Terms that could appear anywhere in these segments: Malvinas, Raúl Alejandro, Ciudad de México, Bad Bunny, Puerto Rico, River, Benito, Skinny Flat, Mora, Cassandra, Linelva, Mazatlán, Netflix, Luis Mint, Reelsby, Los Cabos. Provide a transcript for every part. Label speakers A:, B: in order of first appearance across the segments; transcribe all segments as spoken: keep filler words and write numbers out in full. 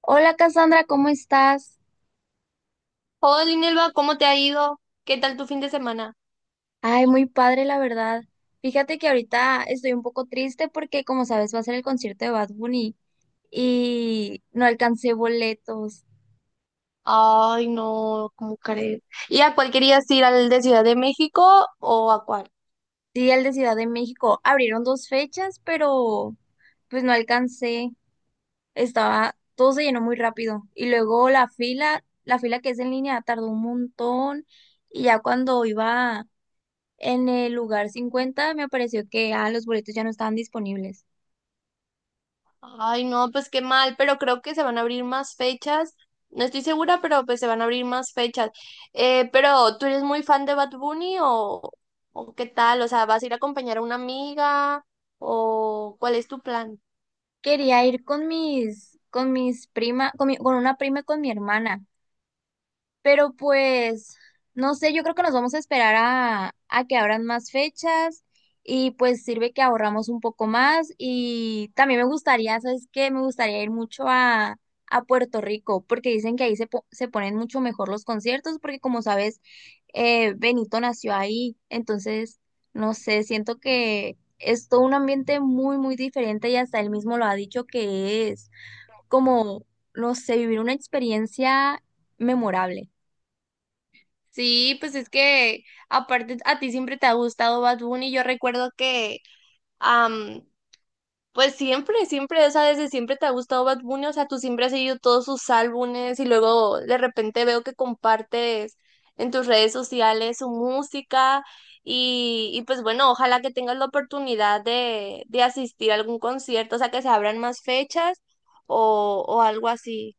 A: Hola Cassandra, ¿cómo estás?
B: Hola, Linelva, ¿cómo te ha ido? ¿Qué tal tu fin de semana?
A: Ay, muy padre, la verdad. Fíjate que ahorita estoy un poco triste porque, como sabes, va a ser el concierto de Bad Bunny y no alcancé boletos.
B: Ay, no, ¿cómo crees? ¿Y a cuál querías ir? ¿Al de Ciudad de México o a cuál?
A: Sí, el de Ciudad de México. Abrieron dos fechas, pero pues no alcancé. Estaba, todo se llenó muy rápido. Y luego la fila, la fila que es en línea, tardó un montón. Y ya cuando iba en el lugar cincuenta me pareció que ah, los boletos ya no estaban disponibles.
B: Ay, no, pues qué mal, pero creo que se van a abrir más fechas. No estoy segura, pero pues se van a abrir más fechas. Eh, pero, ¿tú eres muy fan de Bad Bunny o, o qué tal? O sea, ¿vas a ir a acompañar a una amiga o cuál es tu plan?
A: Quería ir con mis, con mis prima, con mi- con una prima y con mi hermana. Pero pues, no sé, yo creo que nos vamos a esperar a, a que abran más fechas y pues sirve que ahorramos un poco más y también me gustaría, ¿sabes qué? Me gustaría ir mucho a, a Puerto Rico porque dicen que ahí se, po- se ponen mucho mejor los conciertos porque, como sabes, eh, Benito nació ahí. Entonces, no sé, siento que es todo un ambiente muy, muy diferente, y hasta él mismo lo ha dicho, que es como, no sé, vivir una experiencia memorable.
B: Sí, pues es que aparte a ti siempre te ha gustado Bad Bunny. Yo recuerdo que... am, pues siempre, siempre, esa desde siempre te ha gustado Bad Bunny, o sea, tú siempre has seguido todos sus álbumes y luego de repente veo que compartes en tus redes sociales su música y, y pues bueno, ojalá que tengas la oportunidad de, de asistir a algún concierto, o sea, que se abran más fechas o, o algo así.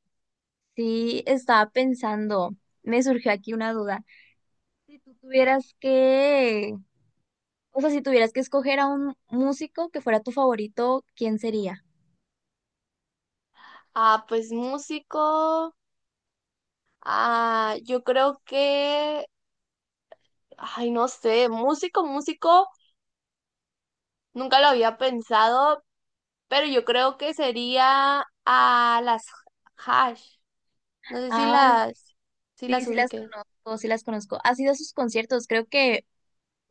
A: Sí, estaba pensando, me surgió aquí una duda. Si tú tuvieras que, o sea, si tuvieras que escoger a un músico que fuera tu favorito, ¿quién sería?
B: Ah, pues músico, ah, yo creo que, ay, no sé, músico, músico. Nunca lo había pensado, pero yo creo que sería a las Hash. No sé si
A: Ah,
B: las, si
A: sí,
B: las
A: sí las
B: ubiquen.
A: conozco, sí las conozco. Has ido a sus conciertos, creo que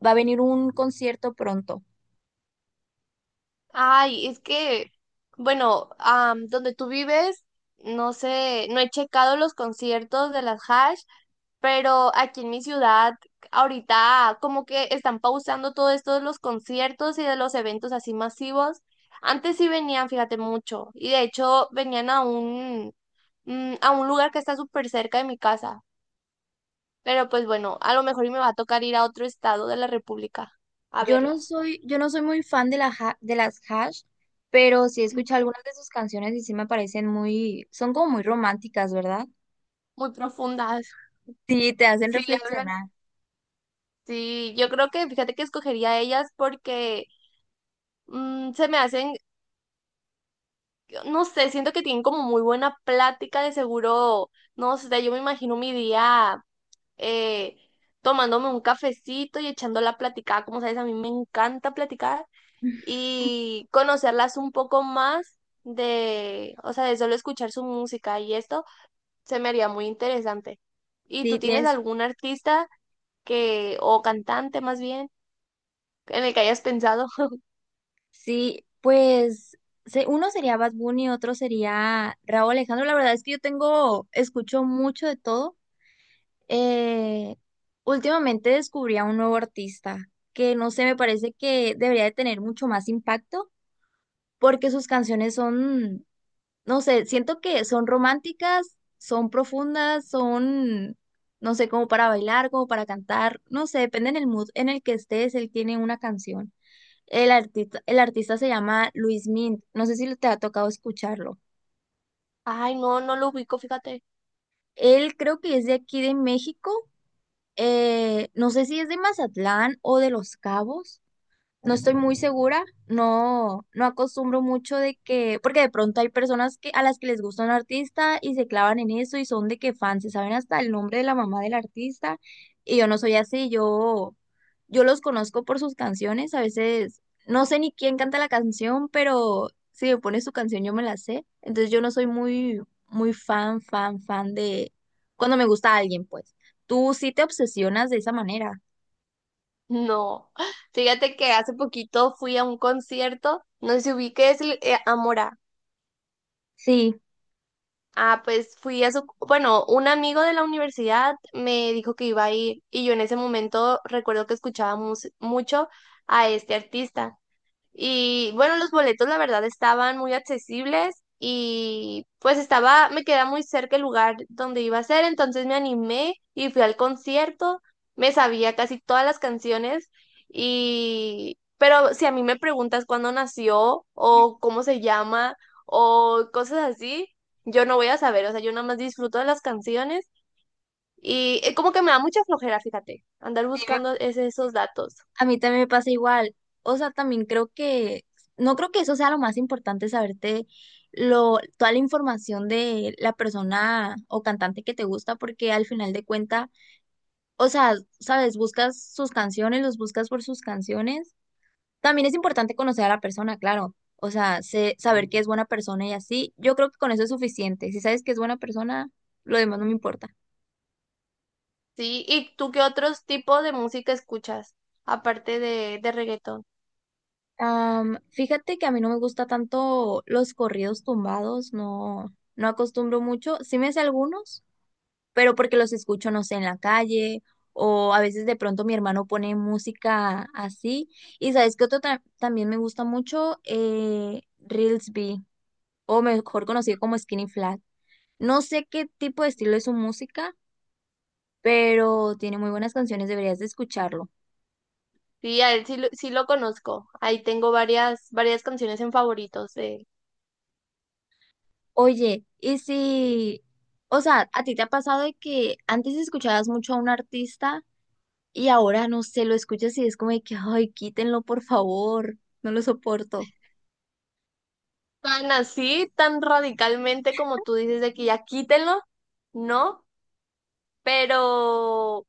A: va a venir un concierto pronto.
B: Ay, es que, bueno, am, donde tú vives, no sé, no he checado los conciertos de las Hash, pero aquí en mi ciudad, ahorita como que están pausando todo esto de los conciertos y de los eventos así masivos. Antes sí venían, fíjate, mucho, y de hecho venían a un, mm, a un lugar que está súper cerca de mi casa. Pero pues bueno, a lo mejor y me va a tocar ir a otro estado de la República a
A: Yo no
B: verlas.
A: soy, yo no soy muy fan de la ha- de las Hash, pero sí he escuchado algunas de sus canciones y sí me parecen muy, son como muy románticas, ¿verdad?
B: Muy profundas.
A: Sí, te hacen
B: Sí, hablan.
A: reflexionar.
B: Sí, yo creo que fíjate que escogería ellas porque mm, se me hacen, no sé, siento que tienen como muy buena plática, de seguro, no sé, yo me imagino mi día eh, tomándome un cafecito y echando la platicada, como sabes, a mí me encanta platicar y conocerlas un poco más de, o sea, de solo escuchar su música y esto se me haría muy interesante. ¿Y tú
A: Sí,
B: tienes
A: tienes.
B: algún artista que, o cantante más bien, en el que hayas pensado?
A: Sí, pues se- uno sería Bad Bunny, otro sería Raúl Alejandro. La verdad es que yo tengo, escucho mucho de todo. Eh, Últimamente descubrí a un nuevo artista que, no sé, me parece que debería de tener mucho más impacto porque sus canciones son, no sé, siento que son románticas, son profundas, son, no sé, como para bailar, como para cantar, no sé, depende del mood en el que estés, él tiene una canción. El artista, el artista se llama Luis Mint. No sé si te ha tocado escucharlo.
B: Ay, no, no lo ubico, fíjate.
A: Él creo que es de aquí, de México. Eh, no sé si es de Mazatlán o de Los Cabos. No estoy muy segura. No, no acostumbro mucho de que, porque de pronto hay personas, que, a las que les gusta un artista y se clavan en eso y son de que fans, se saben hasta el nombre de la mamá del artista. Y yo no soy así. Yo, yo los conozco por sus canciones. A veces no sé ni quién canta la canción, pero si me pone su canción yo me la sé. Entonces yo no soy muy, muy fan, fan, fan de cuando me gusta alguien, pues. Tú sí te obsesionas de esa manera.
B: No. Fíjate que hace poquito fui a un concierto, no sé si ubiques el- eh, a Mora.
A: Sí.
B: Ah, pues fui a su, bueno, un amigo de la universidad me dijo que iba a ir y yo en ese momento recuerdo que escuchaba mus- mucho a este artista. Y bueno, los boletos la verdad estaban muy accesibles y pues estaba, me queda muy cerca el lugar donde iba a ser, entonces me animé y fui al concierto, me sabía casi todas las canciones y, pero si a mí me preguntas cuándo nació o cómo se llama o cosas así, yo no voy a saber, o sea, yo nada más disfruto de las canciones y eh, como que me da mucha flojera, fíjate, andar
A: Sí,
B: buscando ese- esos datos.
A: a mí también me pasa igual. O sea, también creo que, no creo que eso sea lo más importante, saberte lo, toda la información de la persona o cantante que te gusta, porque al final de cuenta, o sea, sabes, buscas sus canciones, los buscas por sus canciones. También es importante conocer a la persona, claro. O sea, sé- saber que es buena persona y así. Yo creo que con eso es suficiente. Si sabes que es buena persona, lo demás no me importa.
B: Sí, ¿y tú qué otros tipos de música escuchas, aparte de, de reggaetón?
A: Am, fíjate que a mí no me gusta tanto los corridos tumbados. No, no acostumbro mucho. Sí me sé algunos, pero porque los escucho, no sé, en la calle, o a veces de pronto mi hermano pone música así. Y sabes que otro ta- también me gusta mucho, eh, Reelsby, o mejor conocido como Skinny Flat. No sé qué tipo de estilo es su música, pero tiene muy buenas canciones, deberías de escucharlo.
B: Sí, a él sí, lo- sí lo conozco. Ahí tengo varias, varias canciones en favoritos de él.
A: Oye, y si, o sea, ¿a ti te ha pasado de que antes escuchabas mucho a un artista y ahora, no sé, lo escuchas y es como de que, ay, quítenlo, por favor, no lo soporto?
B: Tan así, tan radicalmente como tú dices de que ya quítenlo, ¿no? Pero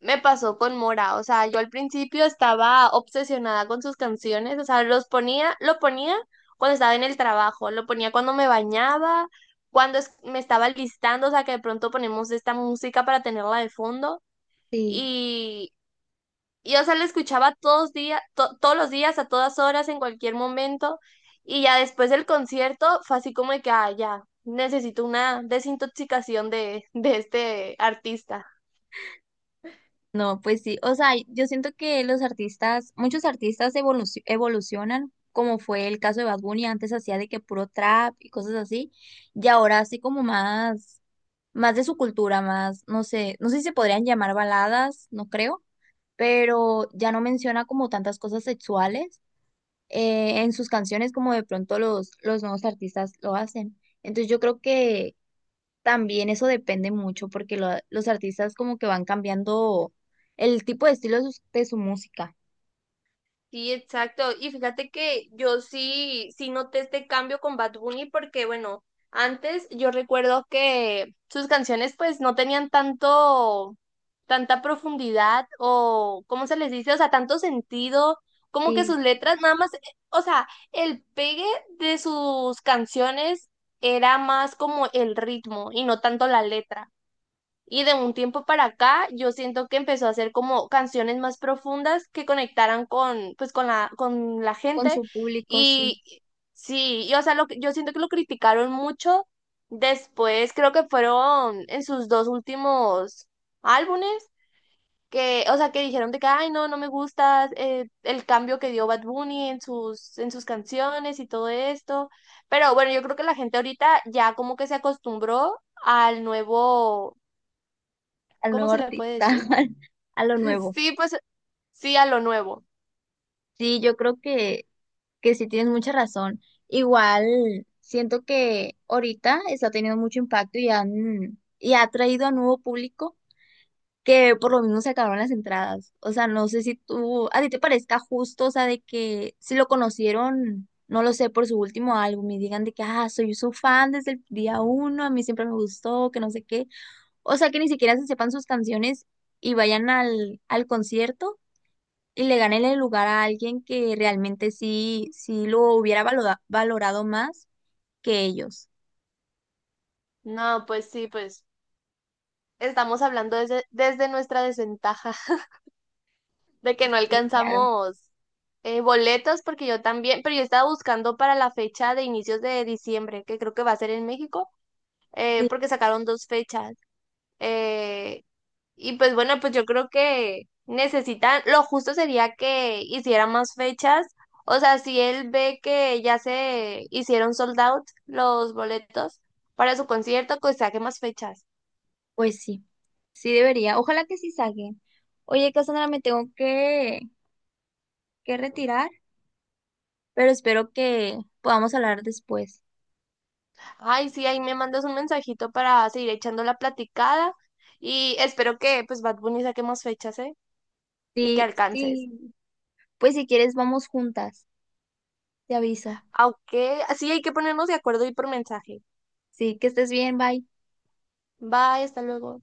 B: me pasó con Mora, o sea, yo al principio estaba obsesionada con sus canciones, o sea, los ponía, lo ponía cuando estaba en el trabajo, lo ponía cuando me bañaba, cuando es- me estaba listando, o sea, que de pronto ponemos esta música para tenerla de fondo
A: Sí.
B: y, y o sea, la escuchaba todos días, todos los días, a todas horas, en cualquier momento y ya después del concierto fue así como de que, ah, ya, necesito una desintoxicación de, de este artista.
A: No, pues sí, o sea, yo siento que los artistas, muchos artistas evoluci- evolucionan, como fue el caso de Bad Bunny. Antes hacía de que puro trap y cosas así, y ahora así como más, más de su cultura, más, no sé, no sé si se podrían llamar baladas, no creo, pero ya no menciona como tantas cosas sexuales eh, en sus canciones, como de pronto los, los nuevos artistas lo hacen. Entonces yo creo que también eso depende mucho, porque lo- los artistas como que van cambiando el tipo de estilo de sus- de su música.
B: Sí, exacto. Y fíjate que yo sí, sí noté este cambio con Bad Bunny porque, bueno, antes yo recuerdo que sus canciones pues no tenían tanto, tanta profundidad o, ¿cómo se les dice? O sea, tanto sentido, como que
A: Sí,
B: sus letras nada más, eh, o sea, el pegue de sus canciones era más como el ritmo y no tanto la letra. Y de un tiempo para acá, yo siento que empezó a hacer como canciones más profundas que conectaran con, pues, con la, con la
A: con
B: gente.
A: su público. Sí,
B: Y sí, y, o sea, lo, que- yo siento que lo criticaron mucho. Después, creo que fueron en sus dos últimos álbumes, que, o sea, que dijeron de que, ay, no, no me gusta eh, el cambio que dio Bad Bunny en sus, en sus canciones y todo esto. Pero bueno, yo creo que la gente ahorita ya como que se acostumbró al nuevo.
A: al
B: ¿Cómo
A: nuevo
B: se le puede
A: artista.
B: decir?
A: A lo nuevo.
B: Sí, pues sí a lo nuevo.
A: Sí, yo creo que, que sí tienes mucha razón. Igual siento que ahorita está teniendo mucho impacto, y han, y ha traído a nuevo público que por lo mismo se acabaron las entradas. O sea, no sé si tú, a ti te parezca justo, o sea, de que si lo conocieron, no lo sé, por su último álbum y digan de que, ah, soy su fan desde el día uno, a mí siempre me gustó, que no sé qué. O sea, que ni siquiera se sepan sus canciones y vayan al, al concierto y le ganen el lugar a alguien que realmente sí, sí lo hubiera valora- valorado más que ellos.
B: No, pues sí, pues estamos hablando desde, desde nuestra desventaja de que no
A: Sí, claro.
B: alcanzamos eh, boletos porque yo también, pero yo estaba buscando para la fecha de inicios de diciembre, que creo que va a ser en México, eh,
A: Sí,
B: porque sacaron dos fechas. Eh, Y pues bueno, pues yo creo que necesitan, lo justo sería que hicieran más fechas. O sea, si él ve que ya se hicieron sold out los boletos para su concierto, pues saque más fechas.
A: pues sí, sí debería. Ojalá que sí saquen. Oye, Cassandra, me tengo que, que retirar, pero espero que podamos hablar después.
B: Ay, sí, ahí me mandas un mensajito para seguir echando la platicada. Y espero que pues Bad Bunny saque más fechas, ¿eh? Y que
A: Sí,
B: alcances.
A: sí, pues si quieres vamos juntas, te aviso.
B: Aunque sí hay que ponernos de acuerdo y por mensaje.
A: Sí, que estés bien, bye.
B: Bye, hasta luego.